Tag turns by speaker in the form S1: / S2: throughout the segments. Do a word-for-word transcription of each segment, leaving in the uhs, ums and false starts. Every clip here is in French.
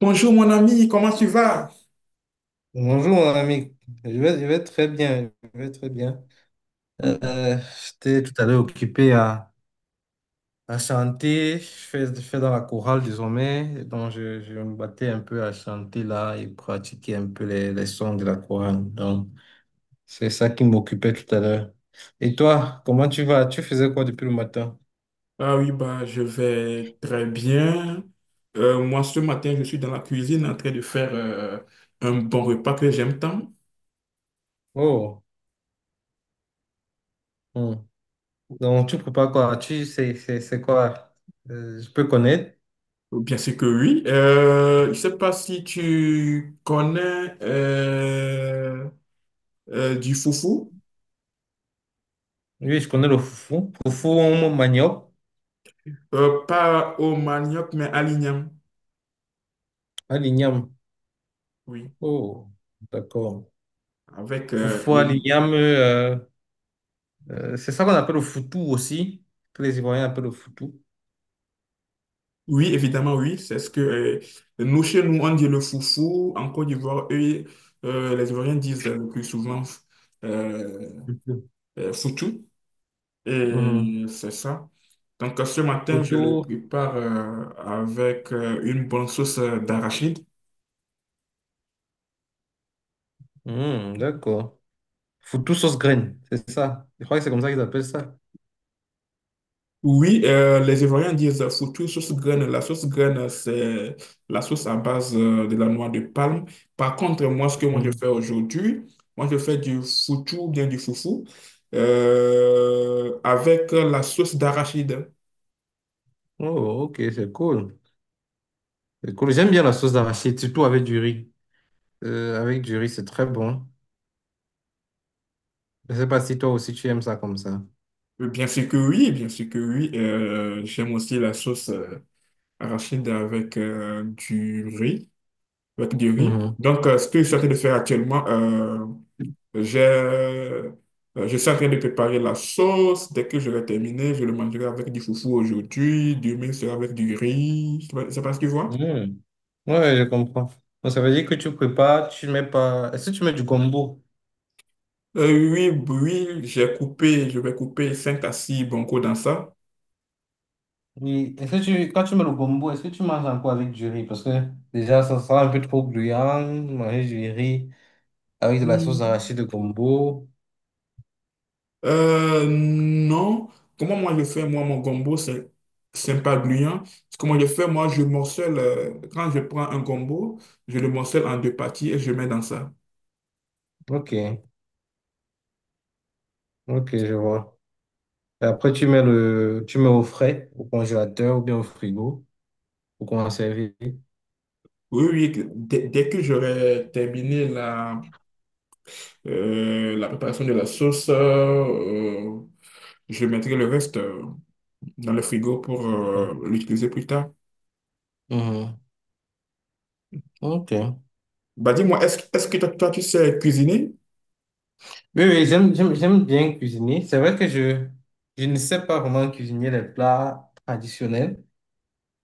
S1: Bonjour mon ami, comment tu vas?
S2: Bonjour mon ami, je vais, je vais très bien, je vais très bien. Euh, J'étais tout à l'heure occupé à, à chanter, je fais, je fais dans la chorale désormais, donc je, je me battais un peu à chanter là et pratiquer un peu les, les sons de la chorale. Donc c'est ça qui m'occupait tout à l'heure. Et toi, comment tu vas? Tu faisais quoi depuis le matin?
S1: Ah oui, bah, je vais très bien. Euh, moi, ce matin, je suis dans la cuisine en train de faire euh, un bon repas que j'aime tant.
S2: Oh, hmm. Donc tu prépares quoi? Tu c'est c'est- c'est quoi? Euh, je peux connaître?
S1: Bien sûr que oui. Euh, je ne sais pas si tu connais euh, euh, du foufou.
S2: Oui, je connais le foufou, foufou au manioc,
S1: Euh, pas au manioc, mais à l'igname.
S2: à l'igname.
S1: Oui,
S2: Oh, d'accord.
S1: avec, euh,
S2: Parfois,
S1: oui.
S2: il euh, euh, c'est ça qu'on appelle le foutou aussi. Que les Ivoiriens appellent le foutou.
S1: Oui, évidemment, oui. C'est ce que euh, nous, chez nous, on dit le foufou. En Côte d'Ivoire, eux, euh, les Ivoiriens disent euh, le plus souvent euh,
S2: Foutou.
S1: euh, foutu.
S2: Mhm.
S1: Et c'est ça. Donc, euh, ce matin, je
S2: Foutou.
S1: le prépare euh, avec euh, une bonne sauce euh, d'arachide.
S2: Mhm, d'accord. Foutou sauce graine, c'est ça. Je crois que c'est comme ça qu'ils appellent ça.
S1: Oui, euh, les Ivoiriens disent surtout sauce graine. La sauce graine, c'est la sauce à base euh, de la noix de palme. Par contre, moi, ce que moi je
S2: Mhm.
S1: fais aujourd'hui, moi je fais du foutou, bien du foufou, euh, avec la sauce d'arachide.
S2: Oh, ok, c'est cool. C'est cool. J'aime bien la sauce d'arachide, surtout avec du riz. Euh, avec du riz, c'est très bon. Je sais pas si toi aussi tu aimes ça comme ça.
S1: Euh, Bien sûr que oui, bien sûr que oui. Euh, j'aime aussi la sauce euh, arachide avec euh, du riz, avec du riz.
S2: Mhm.
S1: Donc, euh, ce que je suis en train de faire actuellement, euh, J'ai, euh, je suis en train de préparer la sauce. Dès que je l'ai terminée, je le mangerai avec du foufou aujourd'hui. Demain, c'est avec du riz. C'est pas c'est pas ce que tu vois?
S2: Mhm. Ouais, je comprends. Donc, ça veut dire que tu prépares, tu mets pas. Est-ce que tu mets du gombo?
S1: Euh, oui, oui, j'ai coupé, je vais couper cinq à six boncos dans ça.
S2: Oui, est-ce que tu, quand tu mets le gombo, est-ce que tu manges encore avec du riz? Parce que déjà, ça sera un peu trop gluant, manger du riz avec de la sauce
S1: Mm.
S2: d'arachide de gombo.
S1: Euh, non. Comment moi je fais, moi, mon gombo, c'est c'est pas gluant. Comment je fais, moi, je morcelle, euh, quand je prends un gombo, je le morcelle en deux parties et je mets dans ça.
S2: Ok, ok, je vois. Et après, tu mets le, tu mets au frais, au congélateur ou bien au frigo pour conserver.
S1: Oui, oui, dès, dès que j'aurai terminé la Euh, la préparation de la sauce, euh, je mettrai le reste euh, dans le frigo pour
S2: Ouais.
S1: euh, l'utiliser plus tard.
S2: Mhm. Ok.
S1: Bah dis-moi, est-ce, est-ce que toi, toi, tu sais cuisiner?
S2: Oui, oui, j'aime, j'aime, j'aime bien cuisiner. C'est vrai que je, je ne sais pas vraiment cuisiner les plats traditionnels.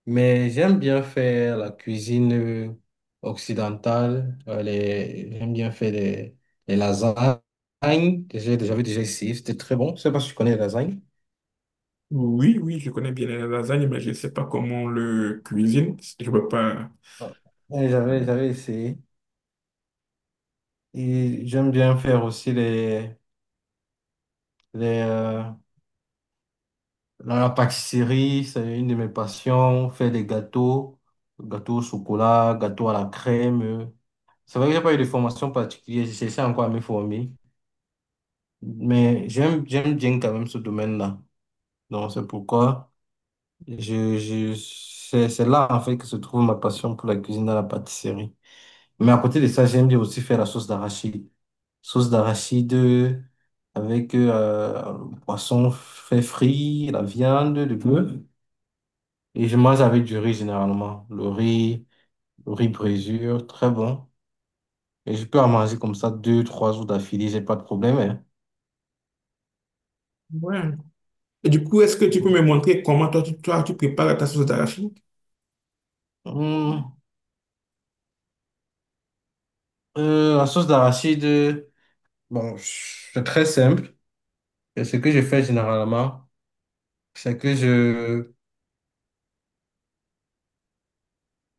S2: Mais j'aime bien faire la cuisine euh, occidentale. euh, les- J'aime bien faire des les lasagnes. que j'ai- J'avais déjà essayé, c'était très bon. Je sais pas si tu connais les lasagnes.
S1: Oui, oui, je connais bien les lasagnes, mais je ne sais pas comment on le cuisine. Je ne peux pas.
S2: Ah. Ouais, J'avais, j'avais essayé. Et j'aime bien faire aussi les, les, euh, la la pâtisserie, c'est une de mes passions. Faire des gâteaux, gâteaux au chocolat, gâteaux à la crème. euh. C'est vrai que j'ai pas eu de formation particulière, j'essaie encore à me former. Mais j'aime, j'aime bien quand même ce domaine-là. Donc, c'est pourquoi je, je, c'est c'est là, en fait, que se trouve ma passion pour la cuisine et la pâtisserie. Mais à côté de ça, j'aime bien aussi faire la sauce d'arachide. Sauce d'arachide euh, avec euh, le poisson fait frit, la viande, le bœuf. Et je mange avec du riz généralement. Le riz, le riz brisure, très bon. Et je peux en manger comme ça deux, trois jours d'affilée, j'ai pas de problème. Hein.
S1: Ouais. Et du coup, est-ce que tu peux me montrer comment toi, tu, toi, tu prépares ta sauce d'arachide?
S2: Hum, euh, la sauce d'arachide, euh, bon, c'est très simple. Et ce que je fais généralement, c'est que je,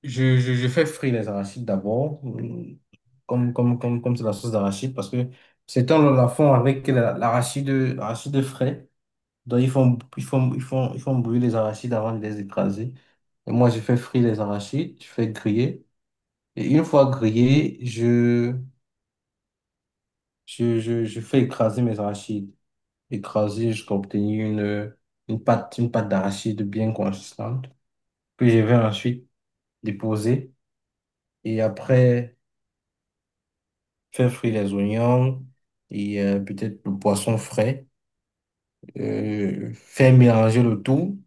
S2: je, je, je fais frire les arachides d'abord, euh, comme, comme, comme, comme c'est la sauce d'arachide, parce que c'est un la fond avec la- l'arachide, l'arachide frais. Donc, ils font, ils font, ils font, ils font brûler les arachides avant de les écraser. Et moi, je fais frire les arachides, je fais griller. Et une fois grillés, je, je, je, je fais écraser mes arachides. Écraser jusqu'à obtenir une, une pâte, une pâte d'arachide bien consistante, que je vais ensuite déposer et après faire frire les oignons et euh, peut-être le poisson frais, euh, faire mélanger le tout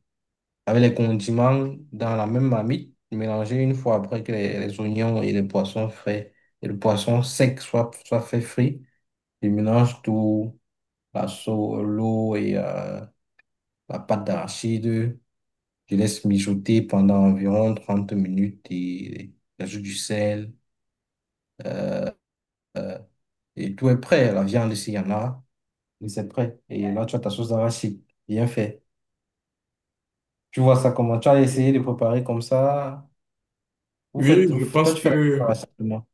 S2: avec les condiments dans la même marmite, mélanger une fois après que les, les oignons et les poissons frais et le poisson sec soient, soient fait frit. Je mélange tout, la sau- l'eau et euh, la pâte d'arachide. Je laisse mijoter pendant environ trente minutes et j'ajoute du sel. Et tout est prêt. La viande, s'il y en a. Et c'est prêt. Et là, tu as ta sauce d'arachide. Bien fait. Tu vois ça comment? Tu as essayé de préparer comme ça. Vous
S1: Oui,
S2: faites,
S1: je
S2: vous- toi,
S1: pense
S2: tu fais la
S1: que,
S2: préparation moi.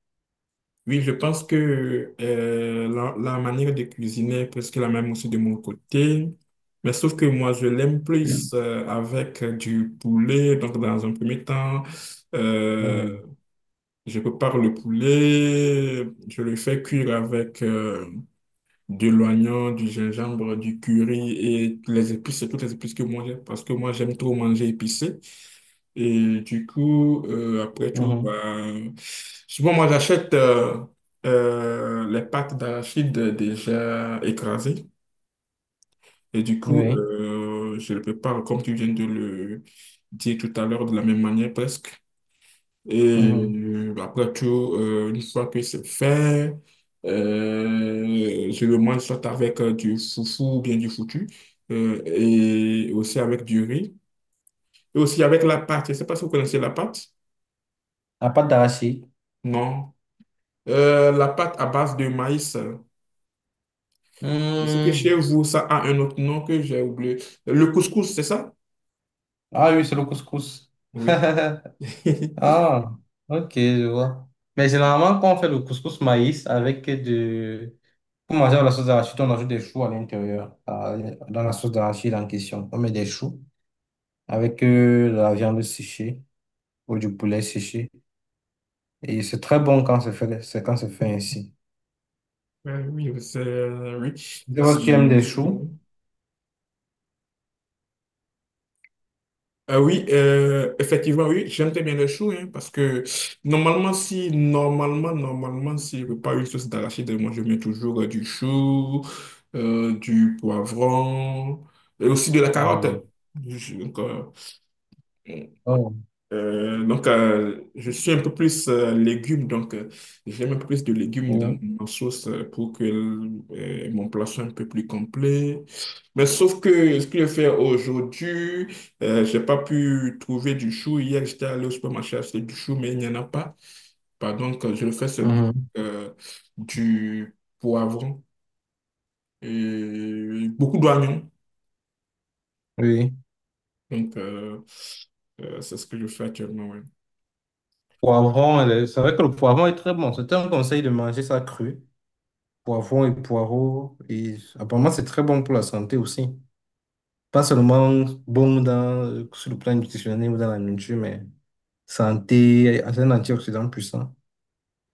S1: oui, je pense que euh, la, la manière de cuisiner est presque la même aussi de mon côté. Mais sauf que moi, je l'aime plus
S2: Mhm.
S1: euh, avec du poulet. Donc, dans un premier temps, euh,
S2: Mhm.
S1: je prépare le poulet. Je le fais cuire avec euh, de l'oignon, du gingembre, du curry et les épices, toutes les épices que moi j'aime. Parce que moi, j'aime trop manger épicé. Et du coup, euh, après tout, bah, souvent moi j'achète euh, euh, les pâtes d'arachide déjà écrasées. Et du coup,
S2: Oui.
S1: euh, je le prépare comme tu viens de le dire tout à l'heure, de la même manière presque. Et
S2: Mhm.
S1: euh, après tout, euh, une fois que c'est fait, euh, je le mange soit avec euh, du foufou ou bien du foutu, euh, et aussi avec du riz, et aussi avec la pâte. Je ne sais pas si vous connaissez la pâte.
S2: La pâte d'arachide.
S1: Non. Euh, la pâte à base de maïs. C'est que chez
S2: Hmm.
S1: vous, ça a un autre nom que j'ai oublié. Le couscous, c'est ça?
S2: Ah oui, c'est le couscous.
S1: Oui.
S2: Ah, ok, je vois. Mais généralement, quand on fait le couscous maïs avec de... Pour manger la sauce d'arachide, on ajoute des choux à l'intérieur, à- dans la sauce d'arachide en question. On met des choux avec euh, de la viande séchée ou du poulet séché. Et c'est très bon quand c'est fait, c'est quand c'est fait ainsi.
S1: Euh, Oui, c'est euh, oui.
S2: Je sais pas
S1: C'est
S2: si tu aimes
S1: euh,
S2: des
S1: très
S2: choux.
S1: bon. Euh, oui, euh, effectivement, oui, j'aime très bien le chou, hein, parce que normalement, si, normalement, normalement, si je veux pas une sauce d'arachide, moi, je mets toujours euh, du chou, euh, du poivron, et aussi de la
S2: Mhm.
S1: carotte. Je- donc, euh,
S2: Oh,
S1: Euh, donc, euh, je suis un peu plus euh, légumes, donc euh, j'aime un peu plus de légumes dans
S2: oui.
S1: ma sauce euh, pour que euh, mon plat soit un peu plus complet. Mais sauf que ce que je fais aujourd'hui, euh, j'ai pas pu trouver du chou. Hier, j'étais allé au supermarché acheter du chou, mais il n'y en a pas. Bah, donc, euh, je le fais seulement
S2: Mhm.
S1: euh, du poivron et beaucoup d'oignons.
S2: Oui.
S1: Donc, euh, euh, c'est ce que je fais actuellement, ouais.
S2: Poivron, elle est- c'est vrai que le poivron est très bon. C'était un conseil de manger ça cru. Poivron et poireaux. Et apparemment, c'est très bon pour la santé aussi. Pas seulement bon dans, sur le plan nutritionnel ou dans la nourriture, mais santé, c'est un antioxydant puissant.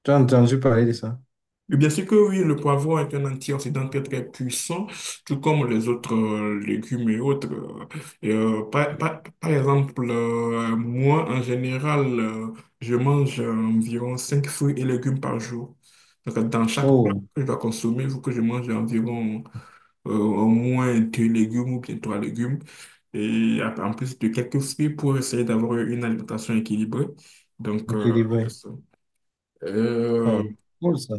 S2: Tu as entendu parler de ça?
S1: Oui, bien sûr que oui, le poivron est un antioxydant très très puissant, tout comme les autres euh, légumes et autres. euh. Et, euh, par, par- par exemple, euh, moi, en général, euh, je mange euh, environ cinq fruits et légumes par jour. Donc, euh, dans chaque plat
S2: Oh,
S1: que je dois consommer, il faut que je mange environ euh, au moins deux légumes ou bien trois légumes. Et ap- en plus de quelques fruits pour essayer d'avoir une alimentation équilibrée. Donc,
S2: le
S1: euh, c'est
S2: délivré.
S1: ça. Euh,
S2: Oh, cool ça.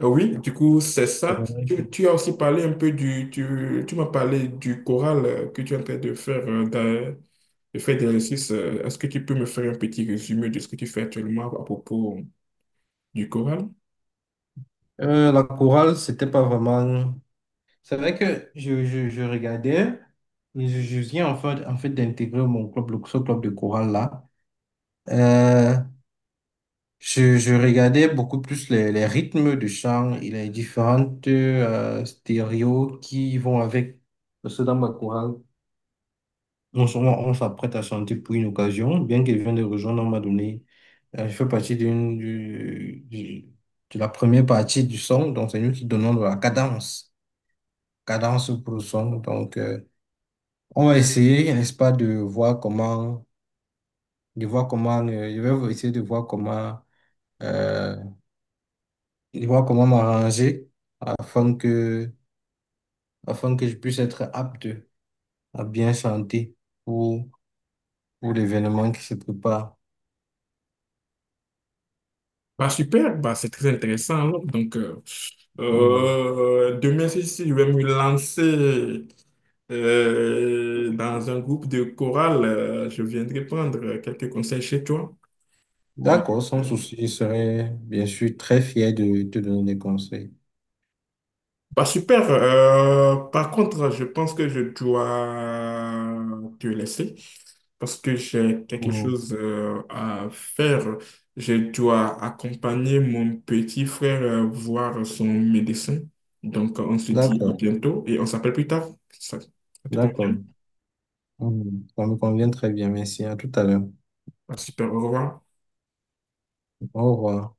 S1: Ah oui, du coup, c'est ça. Tu, tu as aussi parlé un peu du, tu, tu m'as parlé du choral euh, que tu es en train de faire, euh, dans- de faire des exercices. euh, Est-ce que tu peux me faire un petit résumé de ce que tu fais actuellement à propos du choral?
S2: Euh, la chorale, c'était pas vraiment. C'est vrai que je, je, je regardais, je, je viens en fait, en fait d'intégrer mon club, le- ce club de chorale là. Euh, je, je regardais beaucoup plus les, les rythmes de chant et les différentes euh, stéréos qui vont avec. Parce que dans ma chorale, on, s- on, on s'apprête à chanter pour une occasion, bien qu'elle vienne de rejoindre, on m'a donné. Euh, je fais partie d'une, du, du- de la première partie du son, donc c'est nous qui donnons de la cadence, cadence pour le son. Donc, euh, on va essayer, n'est-ce pas, de voir comment, de voir comment, euh, je vais essayer de voir comment, euh, de voir comment m'arranger afin que, afin que je puisse être apte à bien chanter pour, pour l'événement qui se prépare.
S1: Bah, super, bah, c'est très intéressant, alors. Donc, euh,
S2: Mm.
S1: euh, demain, si, si, je vais me lancer euh, dans un groupe de chorale, euh, je viendrai prendre euh, quelques conseils chez toi. Euh,
S2: D'accord, sans souci, je serai bien sûr très fier de te donner des conseils.
S1: Bah super. Euh, par contre, je pense que je dois te laisser parce que j'ai quelque
S2: Mm.
S1: chose euh, à faire. Je dois accompagner mon petit frère euh, voir son médecin. Donc, on se dit à
S2: D'accord,
S1: bientôt et on s'appelle plus tard. Ça, ça te
S2: d'accord.
S1: convient?
S2: Mm. Ça me convient très bien, merci. À tout à l'heure.
S1: Ah, super, au revoir.
S2: Au revoir.